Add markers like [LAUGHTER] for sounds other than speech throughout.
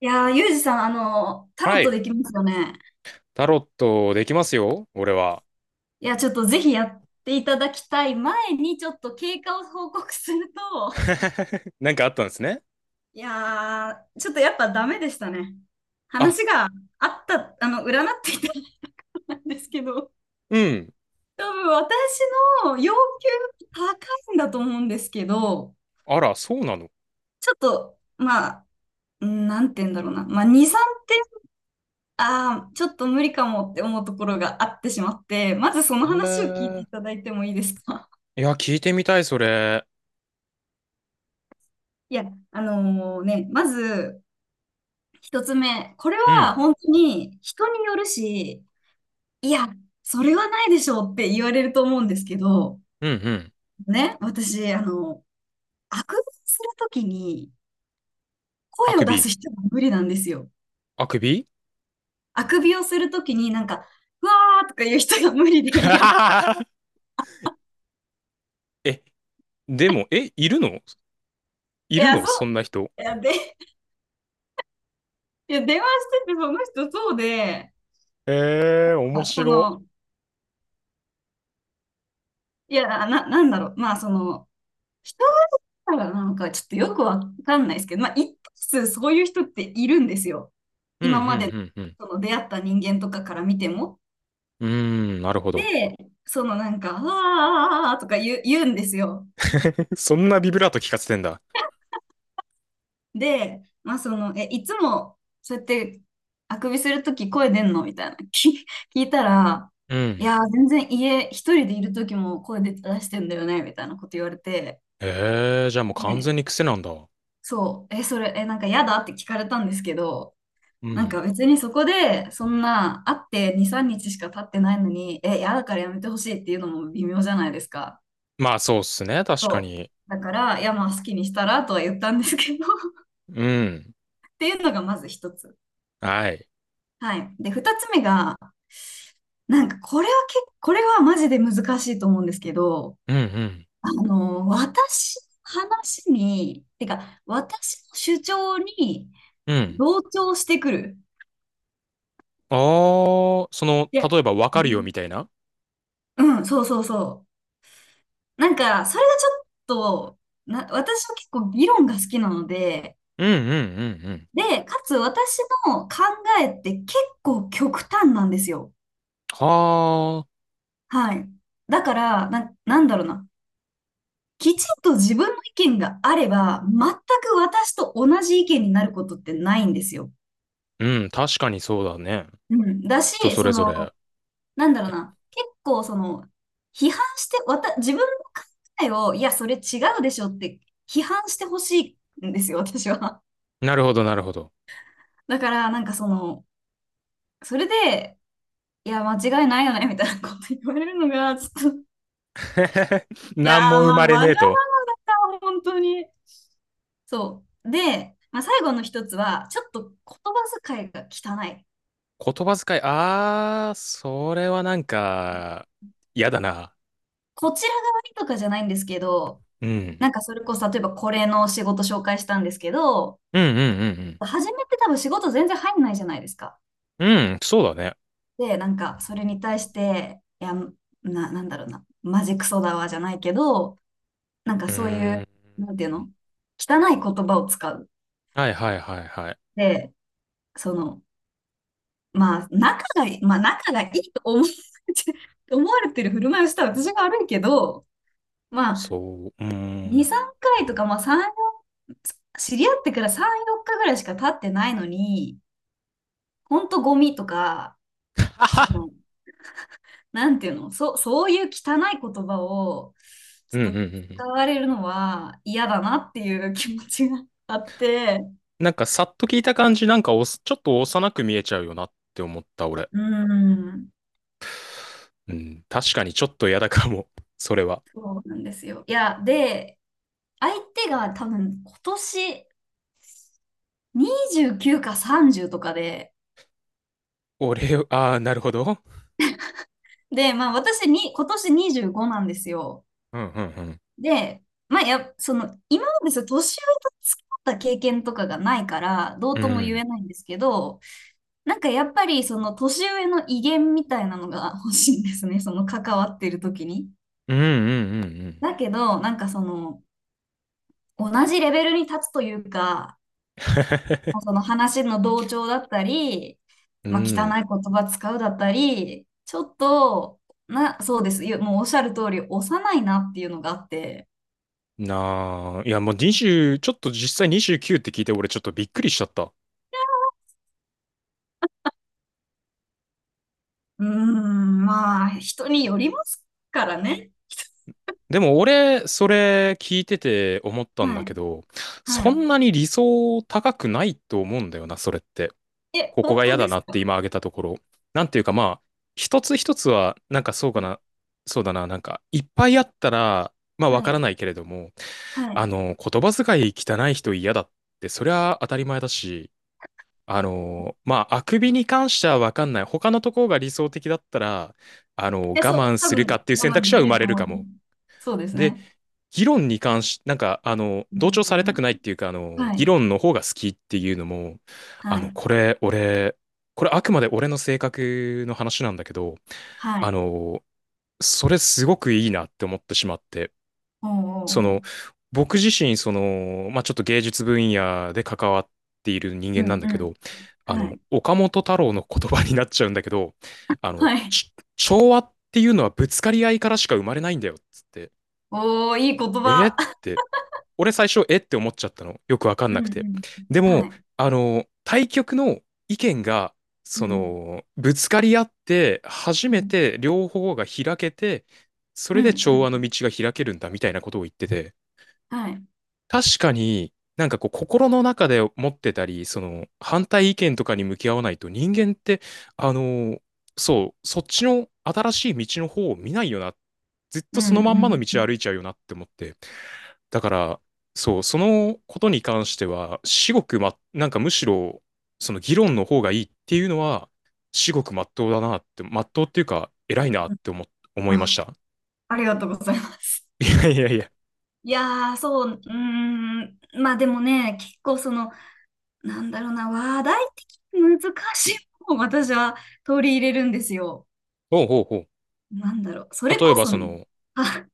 いやー、ユージさん、タロはットい。できますよね。タロットできますよ、俺は。いや、ちょっとぜひやっていただきたい前に、ちょっと経過を報告すると、[LAUGHS] なんかあったんですね。いやー、ちょっとやっぱダメでしたね。あ、話があった、占っていたんですけど、うん。多分私の要求高いんだと思うんですけど、あら、そうなの。ちょっと、まあ、うんなんて言うんだろうな。まあ、2、3点、ああ、ちょっと無理かもって思うところがあってしまって、まずその話を聞いへていただいてもいいですか？え。いや、聞いてみたい、それ。いや、あのね、まず、一つ目、これうはん、本当に人によるし、いや、それはないでしょうって言われると思うんですけど、うん、うん。ね、私、あくびをするときにあ声をく出すび。人が無理なんですよ。あくび。 あくびをするときになんか、うわーとか言う人が無理で、[LAUGHS] [LAUGHS] え、でも、え、いるのいいるや、のそそんな人。う、いや、で、いや、電話しててその人そうで、へえ、面あそ白。の、いや、なんだろう、まあ、その、一だからなんかちょっとよくわかんないですけど、まあ、一定数そういう人っているんですよ。うん、う今までん、うん、その出会った人間とかから見ても。うん。うーん、なるほど。で、そのなんか、ああとか言うんですよ。[LAUGHS] そんなビブラート聞かせてんだ。で、まあその、え、いつもそうやってあくびするとき声出んのみたいな [LAUGHS] 聞いたら、ういん。やー、全然家一人でいるときも声出してんだよねみたいなこと言われて、へえ、じゃあもう完ね、全に癖なんだ。そう、え、それ、え、なんか嫌だって聞かれたんですけど、うなんん。か別にそこで、そんな会って2、3日しか経ってないのに、え、嫌だからやめてほしいっていうのも微妙じゃないですか。まあ、そうっすね、確かそう。に。だから、いやまあ好きにしたらとは言ったんですけど [LAUGHS] うん。っていうのがまず一つ。はい。はい。で、二つ目が、なんかこれはマジで難しいと思うんですけど、うんうん。あの、私の話に、てか、私の主張にうん。同調してくる。ああ、その、いや、例えばわうかるよん、みたいな。うんそうそうそう。なんか、それがちょっと、私は結構議論が好きなので、うんうんうんうん。で、かつ私の考えって結構極端なんですよ。はあ。はい。だから、なんだろうな。きちんと自分の意見があれば、全く私と同じ意見になることってないんですよ。うん、確かにそうだね。うん。だ人し、そそれぞの、れ。なんだろうな。結構、その、批判して、わた、自分の考えを、いや、それ違うでしょって批判してほしいんですよ、私は。なるほど、なるほど。だから、なんかその、それで、いや、間違いないよね、みたいなこと言われるのが、ちょっと、[LAUGHS] い何やー、も生ままあ、れわがねえと。まま本当に。そう。で、まあ、最後の一つは、ちょっと言葉遣いが汚い。言葉遣い、ああ、それはなんか、嫌だな。こちら側にとかじゃないんですけど、うん。なんかそれこそ、例えばこれの仕事紹介したんですけど、うんうん初めて多分仕事全然入んないじゃないですか。うんうん。うん、そうだね。で、なんかそれに対して、いや、なんだろうな、マジクソだわじゃないけど、なんかうそういーう、ん。なんていうの汚い言葉を使う。はいはいはいはい。で、その、まあ、仲がいいと思われて [LAUGHS] 思われてる振る舞いをした私が悪いけど、まあ、そう。うー2、ん。3回とか、まあ、3、よん知り合ってから3、4日ぐらいしか経ってないのに、ほんとゴミとか、そ [LAUGHS] の、なんていうの、そういう汚い言葉を、うんちうょんっうんとうん。使われるのは嫌だなっていう気持ちがあって、なんかさっと聞いた感じ、なんかおすちょっと幼く見えちゃうよなって思った俺。うーん、うん、確かにちょっと嫌だかも、[LAUGHS] それは。そうなんですよ。いや、で、相手が多分今年、29か30とかで、俺を、ああ、なるほど。で、まあ私に、今年25なんですよ。うんうんうん。で、まあその、今までその年上と付き合った経験とかがないから、どううとも言ん。えないんですけど、なんかやっぱりその年上の威厳みたいなのが [LAUGHS] 欲しいんですね、その関わってる時に。うんうんうんうん。だけど、なんかその、同じレベルに立つというか、[LAUGHS] その話の同調だったり、うまあ、汚ん。い言葉使うだったり、ちょっと、そうです。もうおっしゃる通り、幼いなっていうのがあって。なあ、いやもう20、ちょっと実際29って聞いて俺ちょっとびっくりしちゃった。うーん、まあ、人によりますからね。でも俺、それ聞いてて思ったんはだけい。ど、はそい。んなに理想高くないと思うんだよな、それって。え、ここ本が当嫌でだなすってか？今挙げたところ。なんていうかまあ、一つ一つは、なんかそううかん。な、そうだな、なんか、いっぱいあったら、まあわはからい。ないけれども、はあい。の、言葉遣い汚い人嫌だって、そりゃ当たり前だし、あの、まあ、あくびに関してはわかんない。他のところが理想的だったら、あの、我え、そう、慢多するか分っていう選我慢択で肢は生きるまとれる思かいます。も。そうですで、ね。議論に関し、なんか、あの、う同調されたくん。ないっていうか、あの、は議い。論の方が好きっていうのも、はあの、い。これ、俺、これあくまで俺の性格の話なんだけど、はあい。の、それすごくいいなって思ってしまって、おーおそーおの、ー。僕自身、その、まあ、ちょっと芸術分野で関わっている人う間なんんだうけん。ど、あはの、い。岡本太郎の言葉になっちゃうんだけど、あの、はい。調和っていうのはぶつかり合いからしか生まれないんだよ、つって。おー、いい言えっ葉。て、俺最初、えって思っちゃったの。よくわかんうなんうくて。ん。ではも、い。あの、対局の意見が、うそん。の、ぶつかり合って、初うめん。て両方が開けて、そうれんで調和うのん。道が開けるんだみたいなことを言ってて、はい。確かに、なんかこう、心の中で持ってたり、その、反対意見とかに向き合わないと、人間って、あの、そう、そっちの新しい道の方を見ないよな。ずっうとそのまんまのんうん。道を歩いちゃうよなって思って。だから、そう、そのことに関しては、至極ま、なんかむしろ、その議論の方がいいっていうのは、至極まっとうだなって、まっとうっていうか、偉いなっうん。て思いましあ、た。ありがとうございます。[LAUGHS] いやいやいや。いやー、そう、うーん。まあでもね、結構その、なんだろうな、話題的に難しいものを私は取り入れるんですよ。ほうほうほう。なんだろう。それ例えこばそそね、の、あ、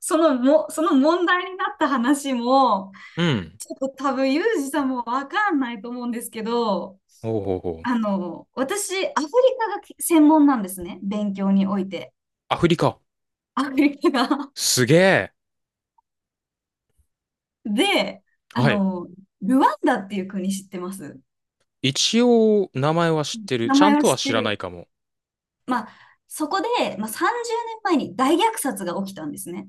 そのも、その問題になった話も、うん。ちょっと多分、ユージさんもわかんないと思うんですけど、ほうほうほう。あの、私、アフリカが専門なんですね。勉強において。アフリカ。アフリカが。すげえ。[LAUGHS] で、あはい。の、ルワンダっていう国知ってます？一応、名前は知ってる。名ちゃ前んはとは知っ知てらないる。かも。まあ、そこで、まあ、30年前に大虐殺が起きたんですね。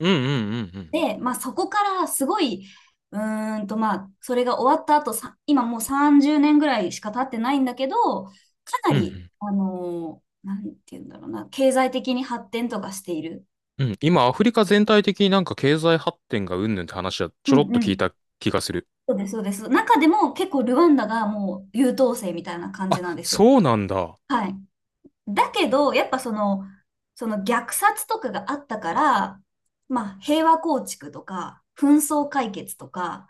うんうんうんうん。で、まあ、そこからすごい、うーんと、まあ、それが終わった後、今もう30年ぐらいしか経ってないんだけど、かなうり、んあの、なんて言うんだろうな、経済的に発展とかしている。うん。うん。今、アフリカ全体的になんか経済発展がうんぬんって話はちうょんろっうと聞いん。た気がする。そうです、そうです。中でも結構ルワンダがもう優等生みたいな感あ、じなんですよ。そうなんだ。はい。だけど、やっぱその、その虐殺とかがあったから、まあ平和構築とか、紛争解決とか、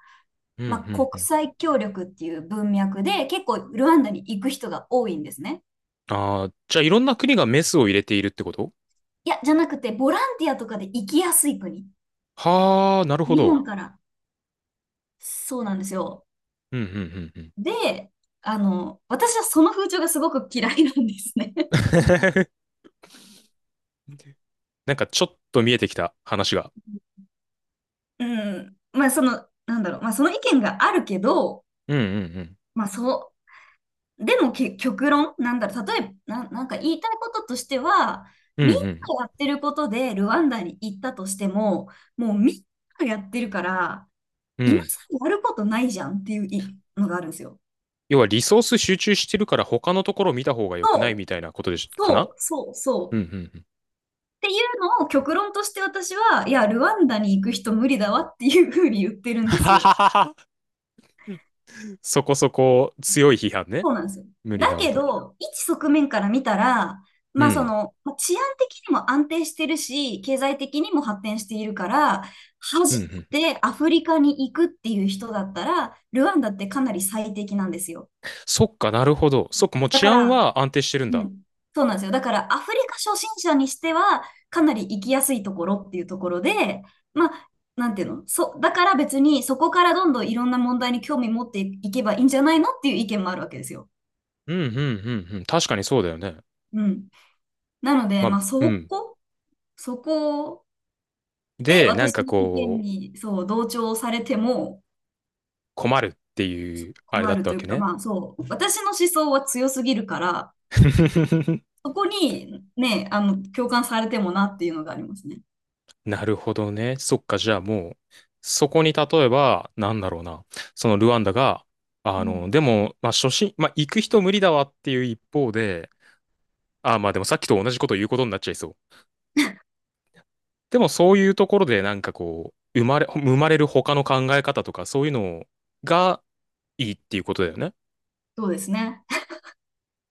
うんうまあん国うん。際協力っていう文脈で結構ルワンダに行く人が多いんですね。ああ、じゃあいろんな国がメスを入れているってこといや、じゃなくてボランティアとかで行きやすい国。は？あ、なるほ日ど。本から。そうなんですよ。うんうんうんうん。で、あの、私はその風潮がすごく嫌いなんですね。[LAUGHS] なんかちょっと見えてきた話が。うん。まあ、その、なんだろう。まあ、その意見があるけど、うんうんうん。まあ、そう、でもけ、極論、なんだろう。例えば、なんか言いたいこととしては、うんうみんなん。がやってることでルワンダに行ったとしても、もうみんながやってるから、う今ん。さらやることないじゃんっていういのがあるんですよ。要はリソース集中してるから他のところ見た方が良くないそみう、たいなことでしかな？そう、そう。そうんううんうん。っていうのを極論として私は、いや、ルワンダに行く人無理だわっていうふうに言ってるんですよ。[LAUGHS] そこそこ強い批判ね。そうなんですよ。無理だだわけと。ど、一側面から見たら、うまあそん。の、まあ治安的にも安定してるし、経済的にも発展しているから、うん初うん。めてアフリカに行くっていう人だったら、ルワンダってかなり最適なんですよ。そっかなるほど。そっかもうだ治か安ら、は安定してるんうだ。ん、そうなんですよ。だからアフリカ初心者にしては、かなり行きやすいところっていうところで、まあ、なんていうの、だから別にそこからどんどんいろんな問題に興味持っていけばいいんじゃないのっていう意見もあるわけですよ。うんうんうんうん。確かにそうだよね。うん。なので、ままあ、あ、うん。そこでで、なん私かの意見こう、に、そう、同調されても困るってそいううあれだ困っるたとわいけうか、ね。まあ、そう、私の思想は強すぎるから、[LAUGHS] そこにね、あの、共感されてもなっていうのがありますね。なるほどね。そっか、じゃあもう、そこに例えば、なんだろうな、そのルワンダが、うあの、ん、でも、まあ、初心、まあ、行く人無理だわっていう一方で、あ、まあでもさっきと同じこと言うことになっちゃいそう。でもそういうところで、なんかこう、生まれる他の考え方とか、そういうのがいいっていうことだよね。そうですね。